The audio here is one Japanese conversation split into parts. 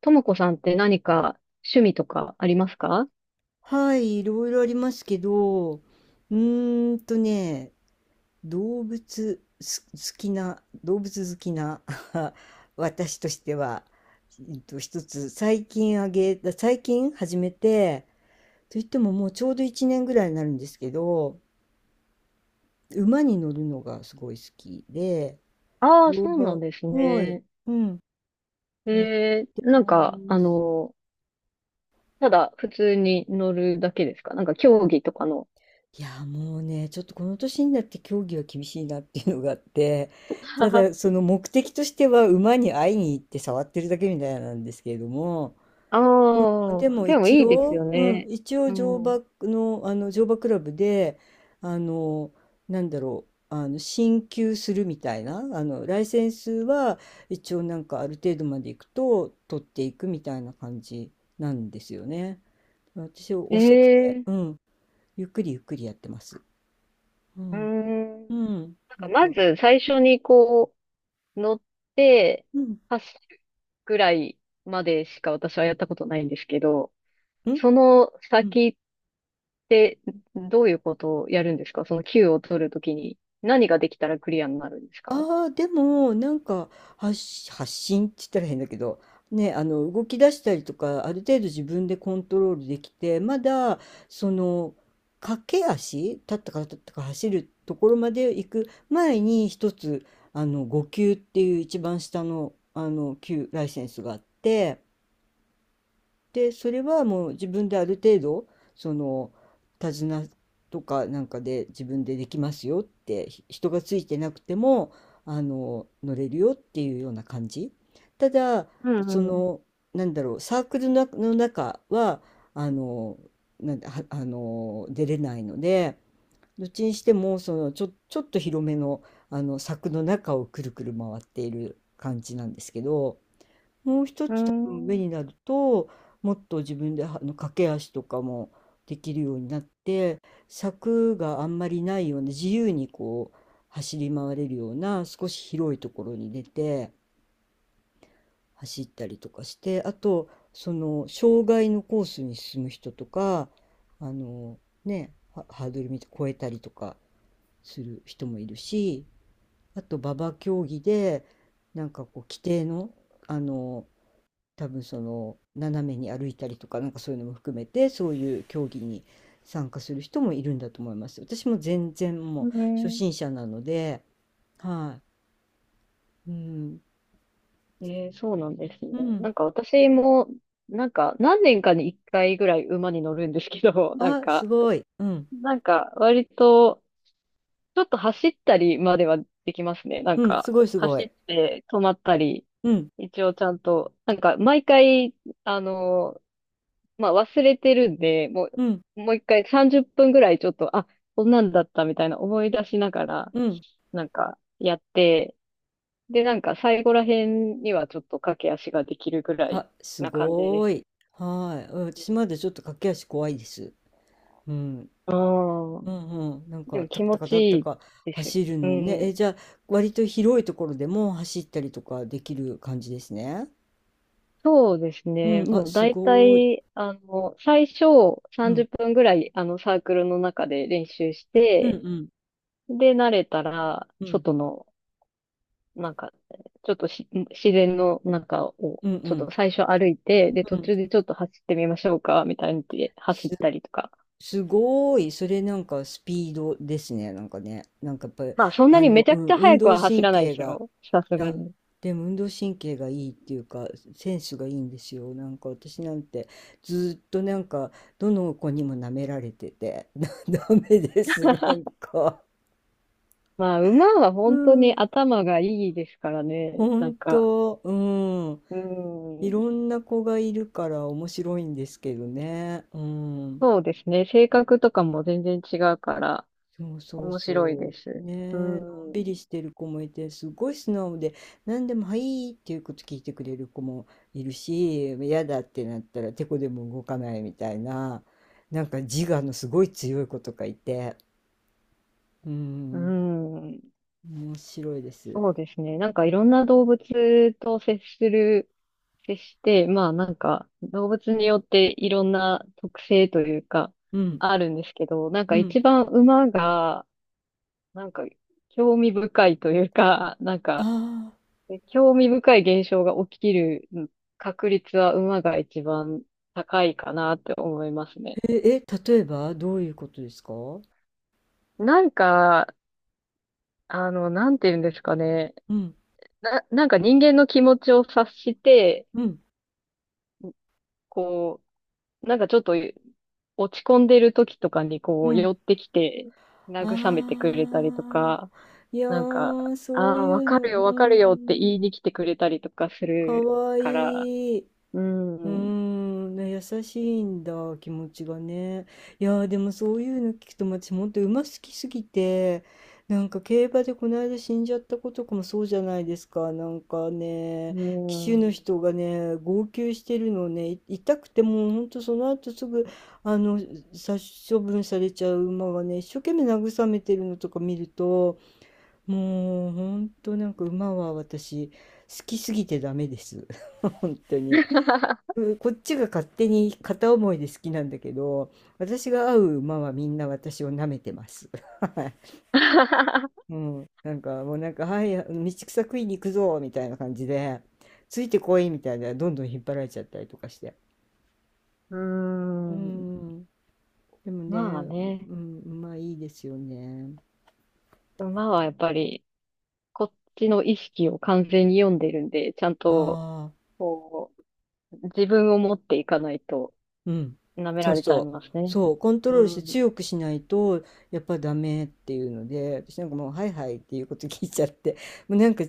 ともこさんって何か趣味とかありますか？はい、いろいろありますけど、ね、動物す動物好きな 私としては、一つ最近始めて、といってももうちょうど1年ぐらいになるんですけど、馬に乗るのがすごい好きで、ああー、乗そうな馬、んですはい、ね。うん、やっえー、てなんまか、あす。の、ただ普通に乗るだけですか？なんか競技とかの。いやもうねちょっとこの年になって競技は厳しいなっていうのがあって た あだその目的としては馬に会いに行って触ってるだけみたいなんですけれども、であ、もでも一いいです応、ようん、ね。一応う乗ん。馬の、乗馬クラブであの進級するみたいなライセンスは一応なんかある程度まで行くと取っていくみたいな感じなんですよね。私はえ遅くて、ー、うん、ゆっくりゆっくりやってます。ううんん。うん、なんなかんまか、ず最初にこう、乗ってうん、走るぐらいまでしか私はやったことないんですけど、うん、そのうん。先で、どういうことをやるんですか？その Q を取るときに何ができたらクリアになるんですか？ああ、でも、なんか、発信って言ったら変だけど、ね、動き出したりとか、ある程度自分でコントロールできて、まだ、その、駆け足、立ったか走るところまで行く前に、一つ、5級っていう一番下の、級ライセンスがあって、で、それはもう自分である程度、その、手綱とかなんかで自分でできますよって、人がついてなくても、乗れるよっていうような感じ。ただ、うそんの、なんだろう、サークルの中は、あの、なんだ、はあの、出れないので、どっちにしても、その、ちょっと広めの、柵の中をくるくる回っている感じなんですけど、もう一うつ多分ん。上うーん。になると、もっと自分で駆け足とかもできるようになって、柵があんまりないような自由にこう走り回れるような少し広いところに出て走ったりとかして、あとその障害のコースに進む人とか、あのね、ハードル見て越えたりとかする人もいるし、あと馬場競技でなんかこう規定の、あの多分その斜めに歩いたりとかなんかそういうのも含めて、そういう競技に参加する人もいるんだと思います。私も全然もうう初ん。心者なので、はい。うん。えー、そうなんですね。うん。なんか私も、なんか何年かに一回ぐらい馬に乗るんですけど、なんあ、すか、ごい。うん。なんか割と、ちょっと走ったりまではできますね。なんうん、すか、ごいすご走っい。て止まったり、うん。一応ちゃんと、なんか毎回、あの、まあ忘れてるんで、もうん。う、もう一回30分ぐらいちょっと、あ、こんなんだったみたいな思い出しながら、うん。なんかやって、で、なんか最後ら辺にはちょっと駆け足ができるぐらいあ、すな感じごです。い。はい。うん、私まだちょっと駆け足怖いです。うん。ああ、うんうん。なんでか、もタ気ク持タカちタクいタいカですよ。走るうのをね。え、ん。じゃあ、割と広いところでも走ったりとかできる感じですね。そうですうね。ん、あ、もうす大ごーい。体、最初う30ん。分ぐらい、サークルの中で練習しうんうて、ん。で、慣れたら、うん。外の、なんか、ちょっとし自然の中を、うんうちょっとん。最初歩いて、で、う途ん。中でちょっと走ってみましょうか、みたいにで走す、ったりとか。すごーい。それなんかスピードですね。なんかね。なんかやっぱり、まあ、そんなにめちゃうくん、ちゃ運速く動は走神らないで経すが、よ。さすいがや、に。でも運動神経がいいっていうか、センスがいいんですよ。なんか私なんて、ずーっとなんか、どの子にも舐められてて、ダメです。なんか。まあ、馬はう本当にん。頭がいいですからね。なん本か、当。うん。ういん、ろんな子がいるから面白いんですけどね。うん。そうですね。性格とかも全然違うから、そうそう面白いそでう。す。ねうえ、のんびん。りしてる子もいて、すごい素直で、何でも「はい」っていうこと聞いてくれる子もいるし、嫌だってなったらてこでも動かないみたいな、なんか自我のすごい強い子とかいて、ううん、ん。面白いです。そうですね。なんかいろんな動物と接する、接して、まあなんか動物によっていろんな特性というかうん、あるんですけど、なんうかん。一番馬がなんか興味深いというか、なんあかあ、興味深い現象が起きる確率は馬が一番高いかなって思いますね。え、例えばどういうことですか？うなんか、なんて言うんですかね。ん、なんか人間の気持ちを察して、うん、こう、なんかちょっと落ち込んでる時とかにこううん。寄ってきて慰めてくれたりとああ、か、いやなんか、ー、そうああ、いわうかの、るよ、わかるよってん、言いに来てくれたりとかすかるわから、いい。ううーん、うん、ね、優しいんだ、気持ちがね。いやー、でもそういうの聞くと、私、本当馬好きすぎて、なんか競馬でこの間死んじゃった子とかもそうじゃないですか。なんかね、騎手のん、人がね、号泣してるのをね、痛くてもう本当その後すぐ、あの殺処分されちゃう馬がね一生懸命慰めてるのとか見ると、もう本当なんか馬は私好きすぎてダメです。 本当に、 こっちが勝手に片思いで好きなんだけど、私が会う馬はみんな私を舐めてます。 はい。うん、なんかもうなんか「はい、道草食いに行くぞ」みたいな感じで「ついてこい」みたいなどんどん引っ張られちゃったりとかして、ううん、ん、でもまあね、ね、うん、馬いいですよね。馬はやっぱりこっちの意識を完全に読んでるんで、ちゃんとああ、こう、自分を持っていかないと、うん。舐めそらうれちゃいそう。ますね。そう。コントうロールしてん。い強くしないと、やっぱダメっていうので、私なんかもう、はいはいっていうこと聞いちゃって、もうなんか、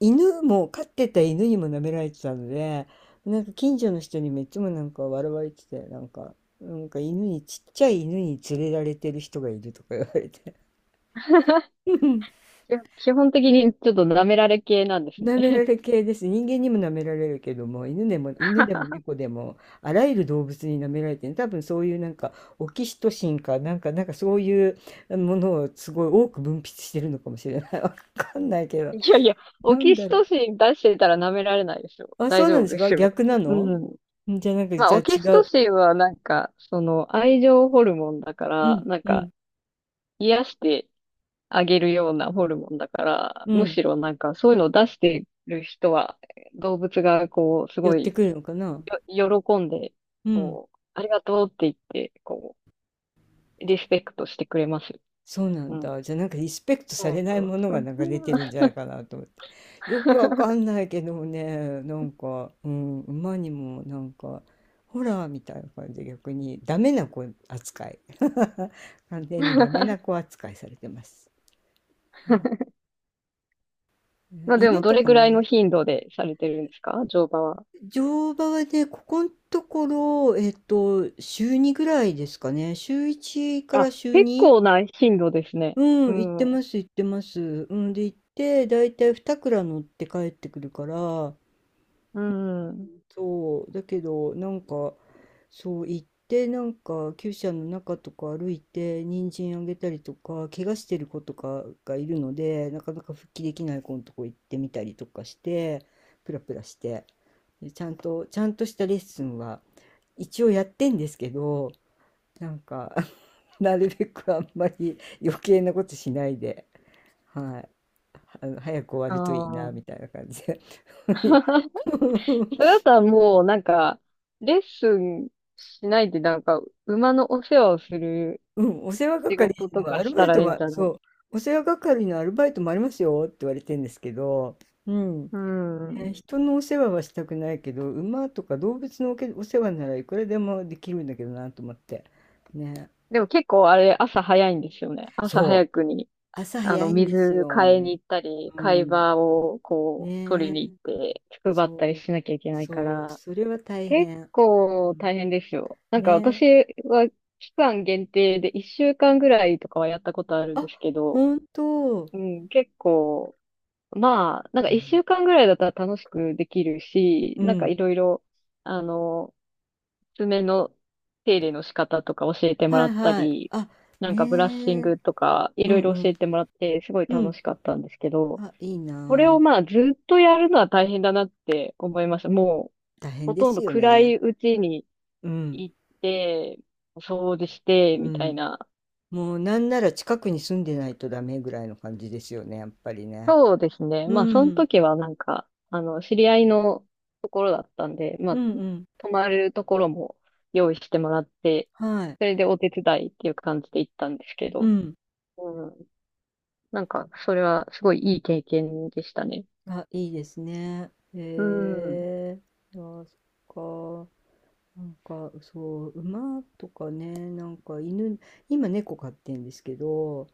犬も、飼ってた犬にも舐められてたので、なんか近所の人にめっちゃもなんか笑われてて、なんか、なんか犬に、ちっちゃい犬に連れられてる人がいるとか言われて。や基本的にちょっと舐められ系なんです舐めね。られ系です。人間にも舐められるけども、犬でも 猫でも、あらゆる動物に舐められてる。多分そういうなんか、オキシトシンか、なんかそういうものをすごい多く分泌してるのかもしれない。わかんないけど。いやいや、オなんキだシろトう。シン出してたら舐められないでしょ。あ、そ大うなん丈夫ですでか、すよ。逆なうの？ん。ん、じゃあなんか、まあ、じゃあオ違キシトう。シンはなんか、その、愛情ホルモンだかうら、ん、なんうか、ん、癒してあげるようなホルモンだから、うむん。しろなんか、そういうのを出してる人は、動物がこう、す寄っごてい、くるのかな。喜んで、うん。こう、ありがとうって言って、こう、リスペクトしてくれますよ。そうなうんん。だ。じゃあなんかリスペクトさそれうそないうものそがう。流れてるんじゃないかなと思って。よくわかんないけどもね、なんか、うん、馬にもなんか、ホラーみたいな感じで逆にダメな子扱い。完全にダメな 子扱いされてます。ね、まあでも、犬どとれかぐもらいね。の頻度でされてるんですか？乗馬は。乗馬はね、ここのところ、週2ぐらいですかね。週1からあ、週結2。構な頻度ですね。ううん、行ってまん。す行ってます。うん、で、行って、だいたい2乗って帰ってくるから、うん。そう、だけど、なんか、そう、行って、なんか、厩舎の中とか歩いて、人参あげたりとか、怪我してる子とかがいるので、なかなか復帰できない子のとこ行ってみたりとかして、プラプラして、で、ちゃんとしたレッスンは、一応やってんですけど、なんか、なるべくあんまり余計なことしないで。はい。早く終わあるといいな、みあ。たいな感じで。それ だったらもう、なんか、レッスンしないで、なんか、馬のお世話をするうん、お世話仕係事とのかアルしバたイらトいいんは、じゃない？そう、お世話係のアルバイトもありますよって言われてるんですけど、うん。うん。人のお世話はしたくないけど、馬とか動物のお世話ならいくらでもできるんだけどなと思って。ね。でも結構あれ、朝早いんですよね。朝そ早う。くに朝あ早の、いんです水買いよ。に行ったり、う貝ん。場をこう、取ねりえ。に行って、配ったりそう。しなきゃいけないかそう。ら、それは大結変。う構ん、大変ですよ。なんか私ねえ。は期間限定で1週間ぐらいとかはやったことあるんあ、ですけど、本当。うん、結構、まあ、なんかう1ん。週間ぐらいだったら楽しくできるし、うなんかん。いろいろ、あの、爪の手入れの仕方とか教えてもはらっいたはい。り、あ、なねんかブラッシンえ。グとかいうろんいろう教ん。えてもらってすごいう楽ん。しかったんですけど、あ、いいこれなをあ。まあずっとやるのは大変だなって思いました。も大う変ほでとんすどよ暗いね。うちにうん。行って、掃除して、うみたいん。な。もうなんなら近くに住んでないとダメぐらいの感じですよね、やっぱりね。そうですね。うまあそのん。時はなんか、知り合いのところだったんで、まうあ、んうん。泊まるところも用意してもらって、はい。それでお手伝いっていう感じで行ったんですけうど、ん。うん。なんか、それはすごいいい経験でしたね。あ、いいですね。うへん。え。あ、そっか。なんか、そう、馬とかね、なんか犬、今猫飼ってんですけど、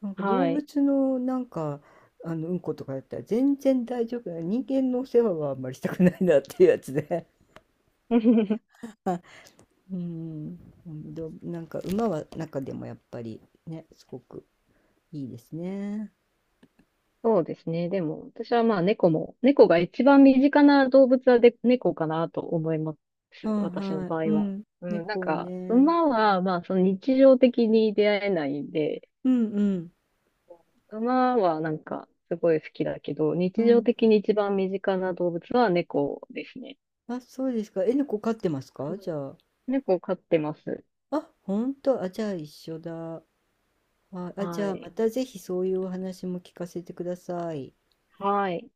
なんか動はい。物のなんか、うんことかだったら全然大丈夫な、人間のお世話はあんまりしたくないなっていうやつで。 うん、うん、どうなんか、馬は中でもやっぱりね、すごくいいですね。そうですね。でも、私はまあ猫も、猫が一番身近な動物はで猫かなと思いまはいす。私のはい、場合うは。ん、うん、なん猫もか、ね。馬はまあその日常的に出会えないんで、うんうん馬はなんかすごい好きだけど、う日常ん。的に一番身近な動物は猫ですね。あ、そうですか、え、猫飼ってますうか？ん、じゃあ、猫を飼ってます。あ、本当。あ、じゃあ一緒だ。あ、あ、じはゃあまい。たぜひそういうお話も聞かせてください。はい。